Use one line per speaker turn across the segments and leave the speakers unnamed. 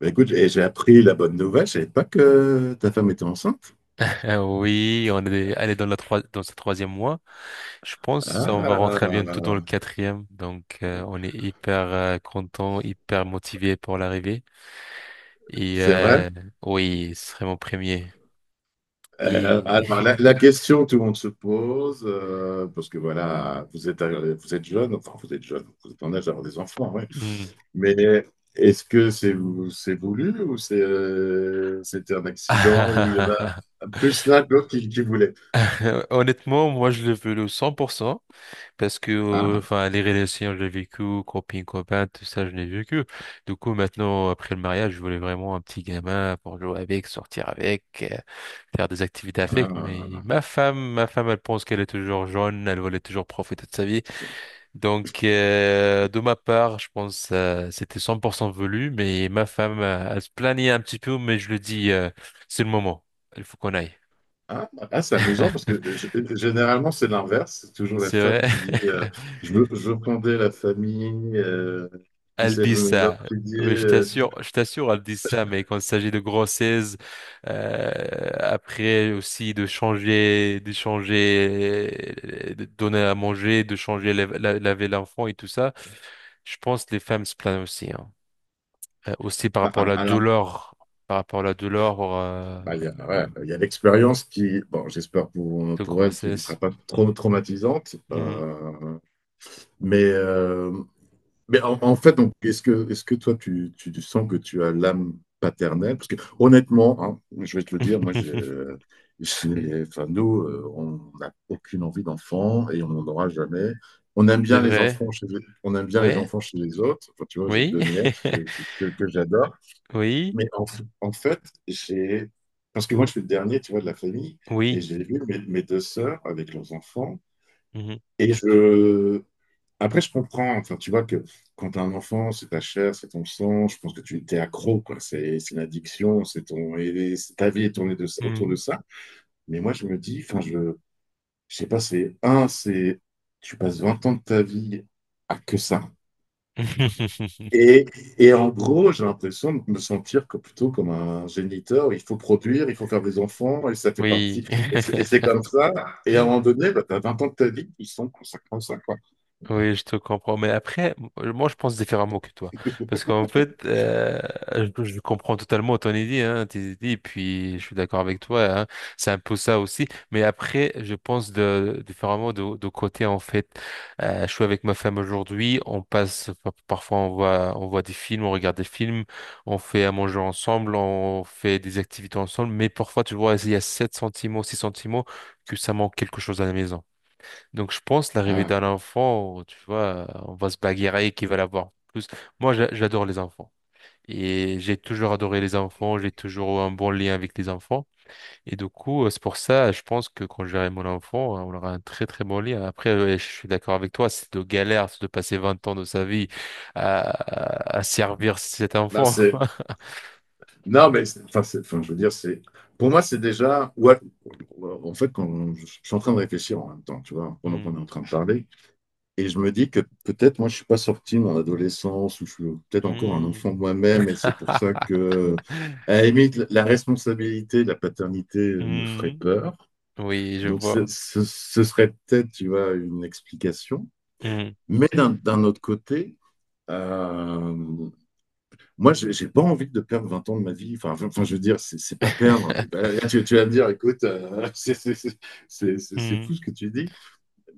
Bah, écoute, et j'ai appris la bonne nouvelle, je savais pas que ta femme était enceinte.
Oui, on est allé dans ce troisième mois. Je pense on va rentrer bientôt dans le
Ah,
quatrième. Donc, on est hyper content, hyper motivé pour l'arrivée. Et
c'est vrai.
oui, ce serait mon premier.
Euh,
Et
alors, la question que tout le monde se pose, parce que voilà, vous êtes jeune, enfin vous êtes jeune, vous êtes en âge d'avoir des enfants, ouais.
Hmm.
Mais est-ce que c'est voulu ou c'est c'était un accident où il y en a plus l'un que l'autre qui voulait?
Honnêtement, moi, je le veux le 100% parce que,
Ah,
enfin, les relations, je l'ai vécu, copine, copain, tout ça, je l'ai vécu. Du coup, maintenant, après le mariage, je voulais vraiment un petit gamin pour jouer avec, sortir avec, faire des activités avec. Mais
ah.
ma femme, elle pense qu'elle est toujours jeune, elle voulait toujours profiter de sa vie. Donc, de ma part, je pense c'était 100% voulu, mais ma femme, elle se plaignait un petit peu, mais je lui dis, c'est le moment, il faut qu'on aille.
Ah, ah, c'est amusant parce que généralement c'est l'inverse, c'est toujours la
C'est vrai.
femme qui dit je veux fonder la famille, puis
Elles
c'est
disent
l'homme
ça.
qui dit
Oui, je t'assure, elles disent ça, mais quand il s'agit de grossesse, euh, après aussi de donner à manger, de changer, laver l'enfant et tout ça, je pense que les femmes se plaignent aussi, hein. Aussi
bah, à
par rapport à la douleur,
bah, il y a, ouais, bah, il y a l'expérience qui, bon j'espère
de
pour elle qui ne sera
grossesse.
pas trop traumatisante,
Mm.
mais mais en fait, donc, est-ce que toi, tu sens que tu as l'âme paternelle? Parce que honnêtement, hein, je vais te le dire, moi, enfin, nous, on n'a aucune envie d'enfant et on n'en aura jamais. On aime
C'est
bien les
vrai?
enfants chez, on aime bien les
Oui?
enfants chez les autres. Enfin, tu vois, j'ai
Oui?
deux nièces que, que j'adore.
Oui?
Mais en fait, j'ai, parce que moi, je suis le dernier, tu vois, de la famille, et
Oui?
j'ai vu mes, mes deux sœurs avec leurs enfants. Et je, après, je comprends. Enfin, tu vois que quand tu as un enfant, c'est ta chair, c'est ton sang. Je pense que tu t'es accro, quoi. C'est une addiction. C'est ton, et c'est- ta vie est tournée de,
Mhm.
autour de
Mhm.
ça. Mais moi, je me dis, enfin, je sais pas, c'est tu passes 20 ans de ta vie à que ça. Et, et en gros, j'ai l'impression de me sentir que plutôt comme un géniteur. Il faut produire, il faut faire des enfants, et ça fait partie.
Oui.
Et c'est comme ça. Et à un moment donné, bah, tu as 20 ans de ta vie qui sont consacrés à ça, quoi.
Oui, je te comprends. Mais après, moi, je pense différemment que toi. Parce qu'en fait, je comprends totalement ton idée, hein, tes idées, puis je suis d'accord avec toi, hein. C'est un peu ça aussi. Mais après, je pense différemment de côté, en fait. Je suis avec ma femme aujourd'hui, on passe, parfois, on voit des films, on regarde des films, on fait à manger ensemble, on fait des activités ensemble. Mais parfois, tu vois, il y a sept sentiments, six sentiments que ça manque quelque chose à la maison. Donc je pense l'arrivée
Ah,
d'un enfant, tu vois, on va se bagarrer qui va l'avoir plus. Moi, j'adore les enfants. Et j'ai toujours adoré les enfants, j'ai toujours eu un bon lien avec les enfants. Et du coup, c'est pour ça, je pense que quand j'aurai mon enfant, on aura un très très bon lien. Après, ouais, je suis d'accord avec toi, c'est de galère c'est de passer 20 ans de sa vie à servir cet
bah,
enfant.
c'est non, mais enfin, enfin, je veux dire, c'est pour moi, c'est déjà. Ouais, en fait, quand je suis en train de réfléchir en même temps, tu vois, pendant
Hmm.
qu'on est en train de parler, et je me dis que peut-être moi, je suis pas sorti de mon adolescence, ou je suis peut-être encore un
Hmm.
enfant de moi-même, et c'est pour ça que, à la limite, la responsabilité, la paternité me ferait
Hmm.
peur.
Oui, je
Donc,
vois.
ce serait peut-être, tu vois, une explication.
Hmm.
Mais d'un autre côté, euh, moi, je n'ai pas envie de perdre 20 ans de ma vie. Enfin, enfin, je veux dire, c'est n'est pas perdre. Là, vas me dire, écoute, c'est
Hmm.
fou ce que tu dis.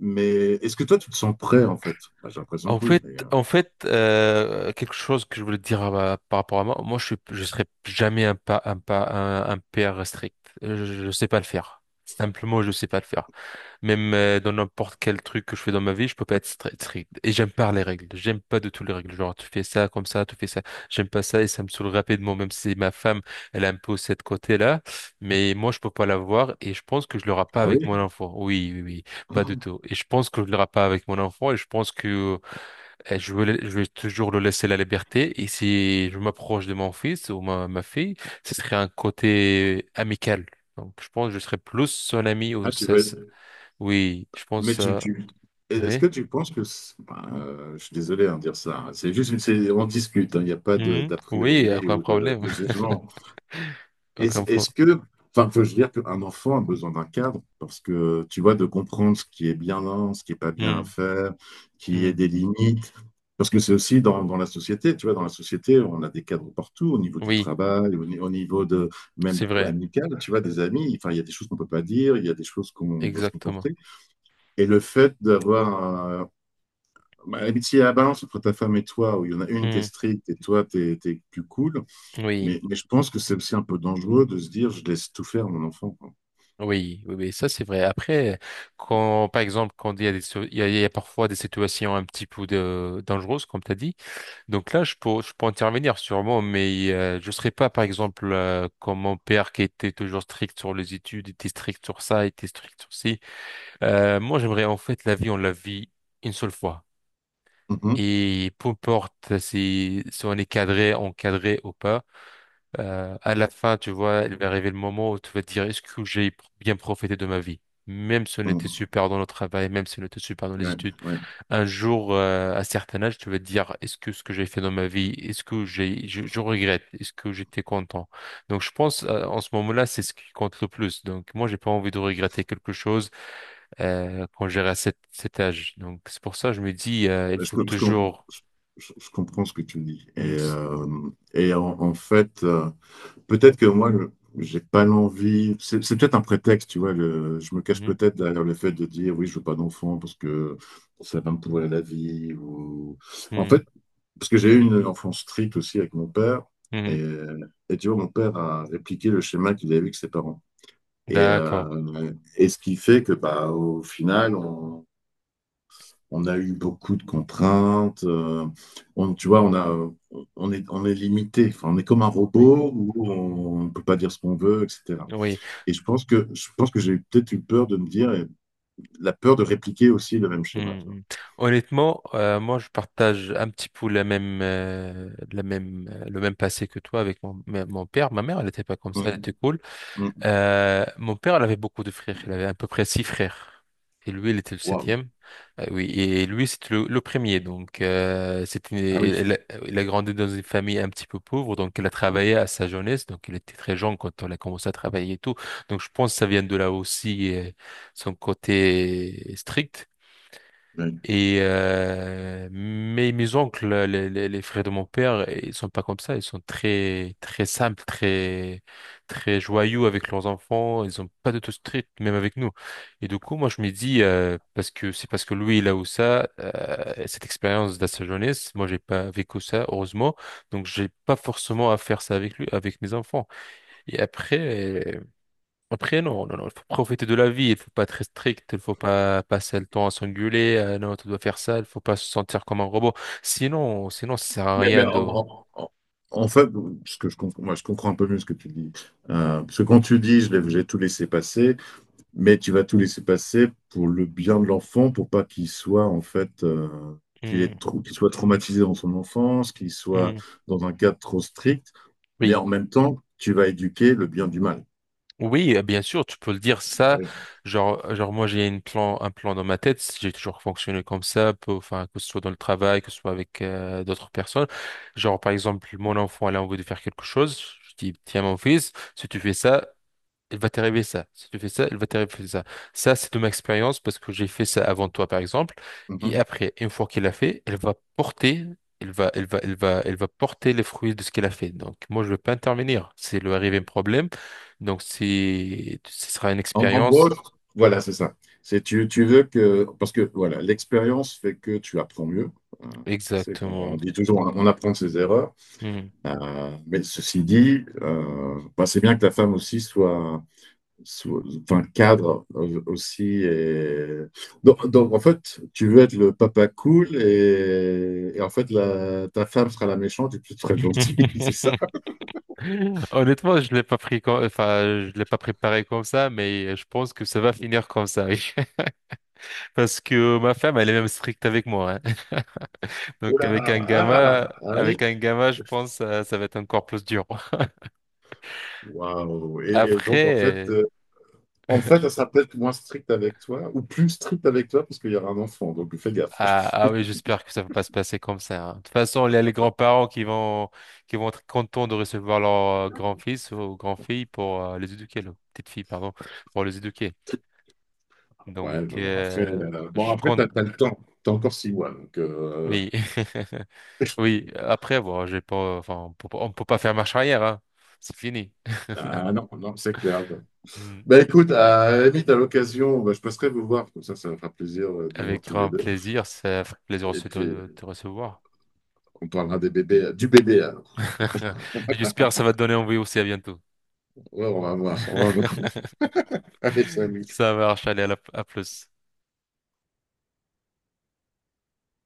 Mais est-ce que toi, tu te sens prêt, en fait bah, j'ai l'impression
En
que oui.
fait,
Mais,
quelque chose que je voulais te dire par rapport à moi, je serai jamais un pas, un pas, un père strict. Je sais pas le faire. Simplement, je sais pas le faire. Même dans n'importe quel truc que je fais dans ma vie, je peux pas être strict. Et j'aime pas les règles. J'aime pas du tout les règles. Genre, tu fais ça comme ça, tu fais ça. J'aime pas ça et ça me saoule rapidement. Même si ma femme, elle a un peu cette côté-là, mais moi, je peux pas l'avoir et je pense que je l'aurai pas
ah oui.
avec mon enfant. Oui, oui, oui, pas du tout. Et je pense que je l'aurai pas avec mon enfant et je pense que euh, et je vais toujours le laisser la liberté. Et si je m'approche de mon fils ou ma fille, ce serait un côté amical. Donc, je pense que je serais plus son ami ou
Ah, tu
ça.
veux...
Oui, je
Mais
pense.
tu, tu... Est-ce
Oui.
que tu penses que... bah, je suis désolé, hein, de dire ça, hein. C'est juste, on discute, hein. Il n'y a pas
Mhm.
d'a
Oui,
priori
aucun
ou
problème.
de jugement. Est-ce
Aucun
est-ce
problème.
que, enfin, faut je veux dire qu'un enfant a besoin d'un cadre parce que tu vois, de comprendre ce qui est bien là, ce qui est pas bien à faire, qui est des limites. Parce que c'est aussi dans la société, tu vois, dans la société, on a des cadres partout, au niveau du
Oui,
travail, au, ni- au niveau de même
c'est vrai.
amical, tu vois, des amis. Enfin, il y a des choses qu'on peut pas dire, il y a des choses qu'on doit se
Exactement.
comporter. Et le fait d'avoir un- bah, si il y a la balance entre ta femme et toi, où il y en a une qui est
Hmm.
stricte et toi, t'es plus cool,
Oui,
mais je pense que c'est aussi un peu dangereux de se dire, je laisse tout faire mon enfant, quoi.
oui, oui, oui, ça c'est vrai. Après, quand, par exemple, quand il y a des, il y a parfois des situations un petit peu dangereuses, comme tu as dit. Donc là, je peux intervenir sûrement, mais je serai pas, par exemple, comme mon père qui était toujours strict sur les études, était strict sur ça, était strict sur ci. Moi, j'aimerais en fait la vie, on la vit une seule fois.
Mhm,
Et peu importe si on est cadré, encadré ou pas, à la fin, tu vois, il va arriver le moment où tu vas te dire, est-ce que j'ai bien profité de ma vie? Même si on était
mhm.
super dans le travail, même si on était super dans les
Ouais,
études
ouais.
un jour, à un certain âge, tu vas te dire, est-ce que ce que j'ai fait dans ma vie, est-ce que je regrette, est-ce que j'étais content? Donc, je pense, en ce moment-là, c'est ce qui compte le plus. Donc, moi, j'ai pas envie de regretter quelque chose, quand j'aurai à cet âge. Donc, c'est pour ça, je me dis, il
Je,
faut
com- je com-
toujours.
je comprends ce que tu dis.
Mm,
Et en fait, peut-être que moi, j'ai pas l'envie. C'est peut-être un prétexte, tu vois. Je me cache
mhm,
peut-être derrière le fait de dire, oui, je veux pas d'enfant parce que ça va me pourrir la vie. Ou... En fait,
mhm,
parce que j'ai eu une enfance stricte aussi avec mon père.
mhm.
Et, et tu vois, mon père a répliqué le schéma qu'il avait eu avec ses parents.
D'accord.
Et ce qui fait que, bah, au final, on a eu beaucoup de contraintes. On, tu vois, on a, on est limité. Enfin, on est comme un
Oui.
robot où on ne peut pas dire ce qu'on veut, etc.
Oui.
Et je pense que j'ai peut-être eu peur de me dire, et la peur de répliquer aussi le même schéma, tu vois.
Mhm. Honnêtement, moi, je partage un petit peu le même passé que toi avec mon père. Ma mère, elle n'était pas comme ça, elle
Mhm.
était cool.
Mhm.
Mon père, il avait beaucoup de frères. Il avait à peu près six frères. Et lui, il était le
Waouh.
septième. Oui, et lui, c'était le premier. Donc,
Ah oui.
c'était, il a grandi dans une famille un petit peu pauvre. Donc, il a travaillé à sa jeunesse. Donc, il était très jeune quand il a commencé à travailler et tout. Donc, je pense que ça vient de là aussi, son côté strict.
Oui.
Mais mes oncles, les frères de mon père, ils sont pas comme ça. Ils sont très très simples, très très joyeux avec leurs enfants. Ils ont pas de tout strict, même avec nous. Et du coup, moi, je me dis parce que c'est parce que lui il a eu ça, cette expérience de sa jeunesse. Moi, j'ai pas vécu ça, heureusement. Donc, j'ai pas forcément à faire ça avec lui, avec mes enfants. Et après. Après, non, non, non, il faut profiter de la vie, il faut pas être strict, il faut pas passer le temps à s'engueuler, non, tu dois faire ça, il faut pas se sentir comme un robot. Ça sert à
Mais-
rien
mais en,
de…
en- en- en fait, ce que je comprends, moi, je comprends un peu mieux ce que tu dis. Parce que quand tu dis, j'ai tout laissé passer, mais tu vas tout laisser passer pour le bien de l'enfant, pour pas qu'il soit en fait, qu'il
Hmm.
est qu'il soit traumatisé dans son enfance, qu'il soit
Hmm.
dans un cadre trop strict, mais
Oui.
en même temps, tu vas éduquer le bien du mal.
Oui, bien sûr, tu peux le dire
Ah
ça.
oui.
Genre, moi, j'ai un plan dans ma tête. Si j'ai toujours fonctionné comme ça, enfin, que ce soit dans le travail, que ce soit avec d'autres personnes. Genre, par exemple, mon enfant, elle a envie de faire quelque chose. Je dis, tiens, mon fils, si tu fais ça, il va t'arriver ça. Si tu fais ça, il va t'arriver ça. Ça, c'est de ma expérience parce que j'ai fait ça avant toi, par exemple. Et
Mhm.
après, une fois qu'il a fait, elle va porter les fruits de ce qu'elle a fait. Donc, moi, je ne vais pas intervenir. C'est le arrivé un problème. Donc, ce sera une
En, en gros,
expérience.
voilà, c'est ça. C'est tu, tu veux que parce que voilà, l'expérience fait que tu apprends mieux. Euh, C'est qu'on on
Exactement.
dit toujours, on apprend de ses erreurs.
Hmm.
Mais ceci dit, bah, c'est bien que la femme aussi soit enfin, cadre, aussi. Donc, en fait, tu veux être le papa cool et en fait, ta femme sera la méchante et tu seras le gentil, c'est ça?
Honnêtement, je l'ai pas pris comme, enfin, je l'ai pas préparé comme ça, mais je pense que ça va finir comme ça. Oui. Parce que ma femme, elle est même stricte avec moi, hein.
Oh
Donc
là, ah, ah oui.
avec un gamma, je pense ça va être encore plus dur.
Waouh. Et donc,
Après, euh,
en fait, elle sera peut-être moins stricte avec toi ou plus stricte avec toi parce qu'il y aura un enfant, donc fais gaffe.
ah, ah oui, j'espère que ça va pas se passer comme ça, hein. De toute façon, il y a les grands-parents qui vont être contents de recevoir leur grand-fils ou grand-fille pour les éduquer, leur petite fille, pardon, pour les éduquer. Donc
Ouais, bon,
je
après
compte.
t'as le temps. T'as encore 6 mois, donc...
Oui, oui. Après, bon, j'ai pas, enfin, on peut pas faire marche arrière, hein. C'est fini.
ah non, non, c'est clair.
Mm.
Bah écoute, à la limite, à l'occasion, bah, je passerai vous voir, comme ça me fera plaisir, de vous voir
Avec
tous les
grand
deux.
plaisir, ça fait plaisir
Et
aussi
puis,
de te recevoir.
on parlera des bébés, du bébé, alors.
J'espère que ça va te donner envie aussi. À bientôt.
Ouais, on va voir, on va voir. Allez, salut.
Ça marche. Allez, à plus.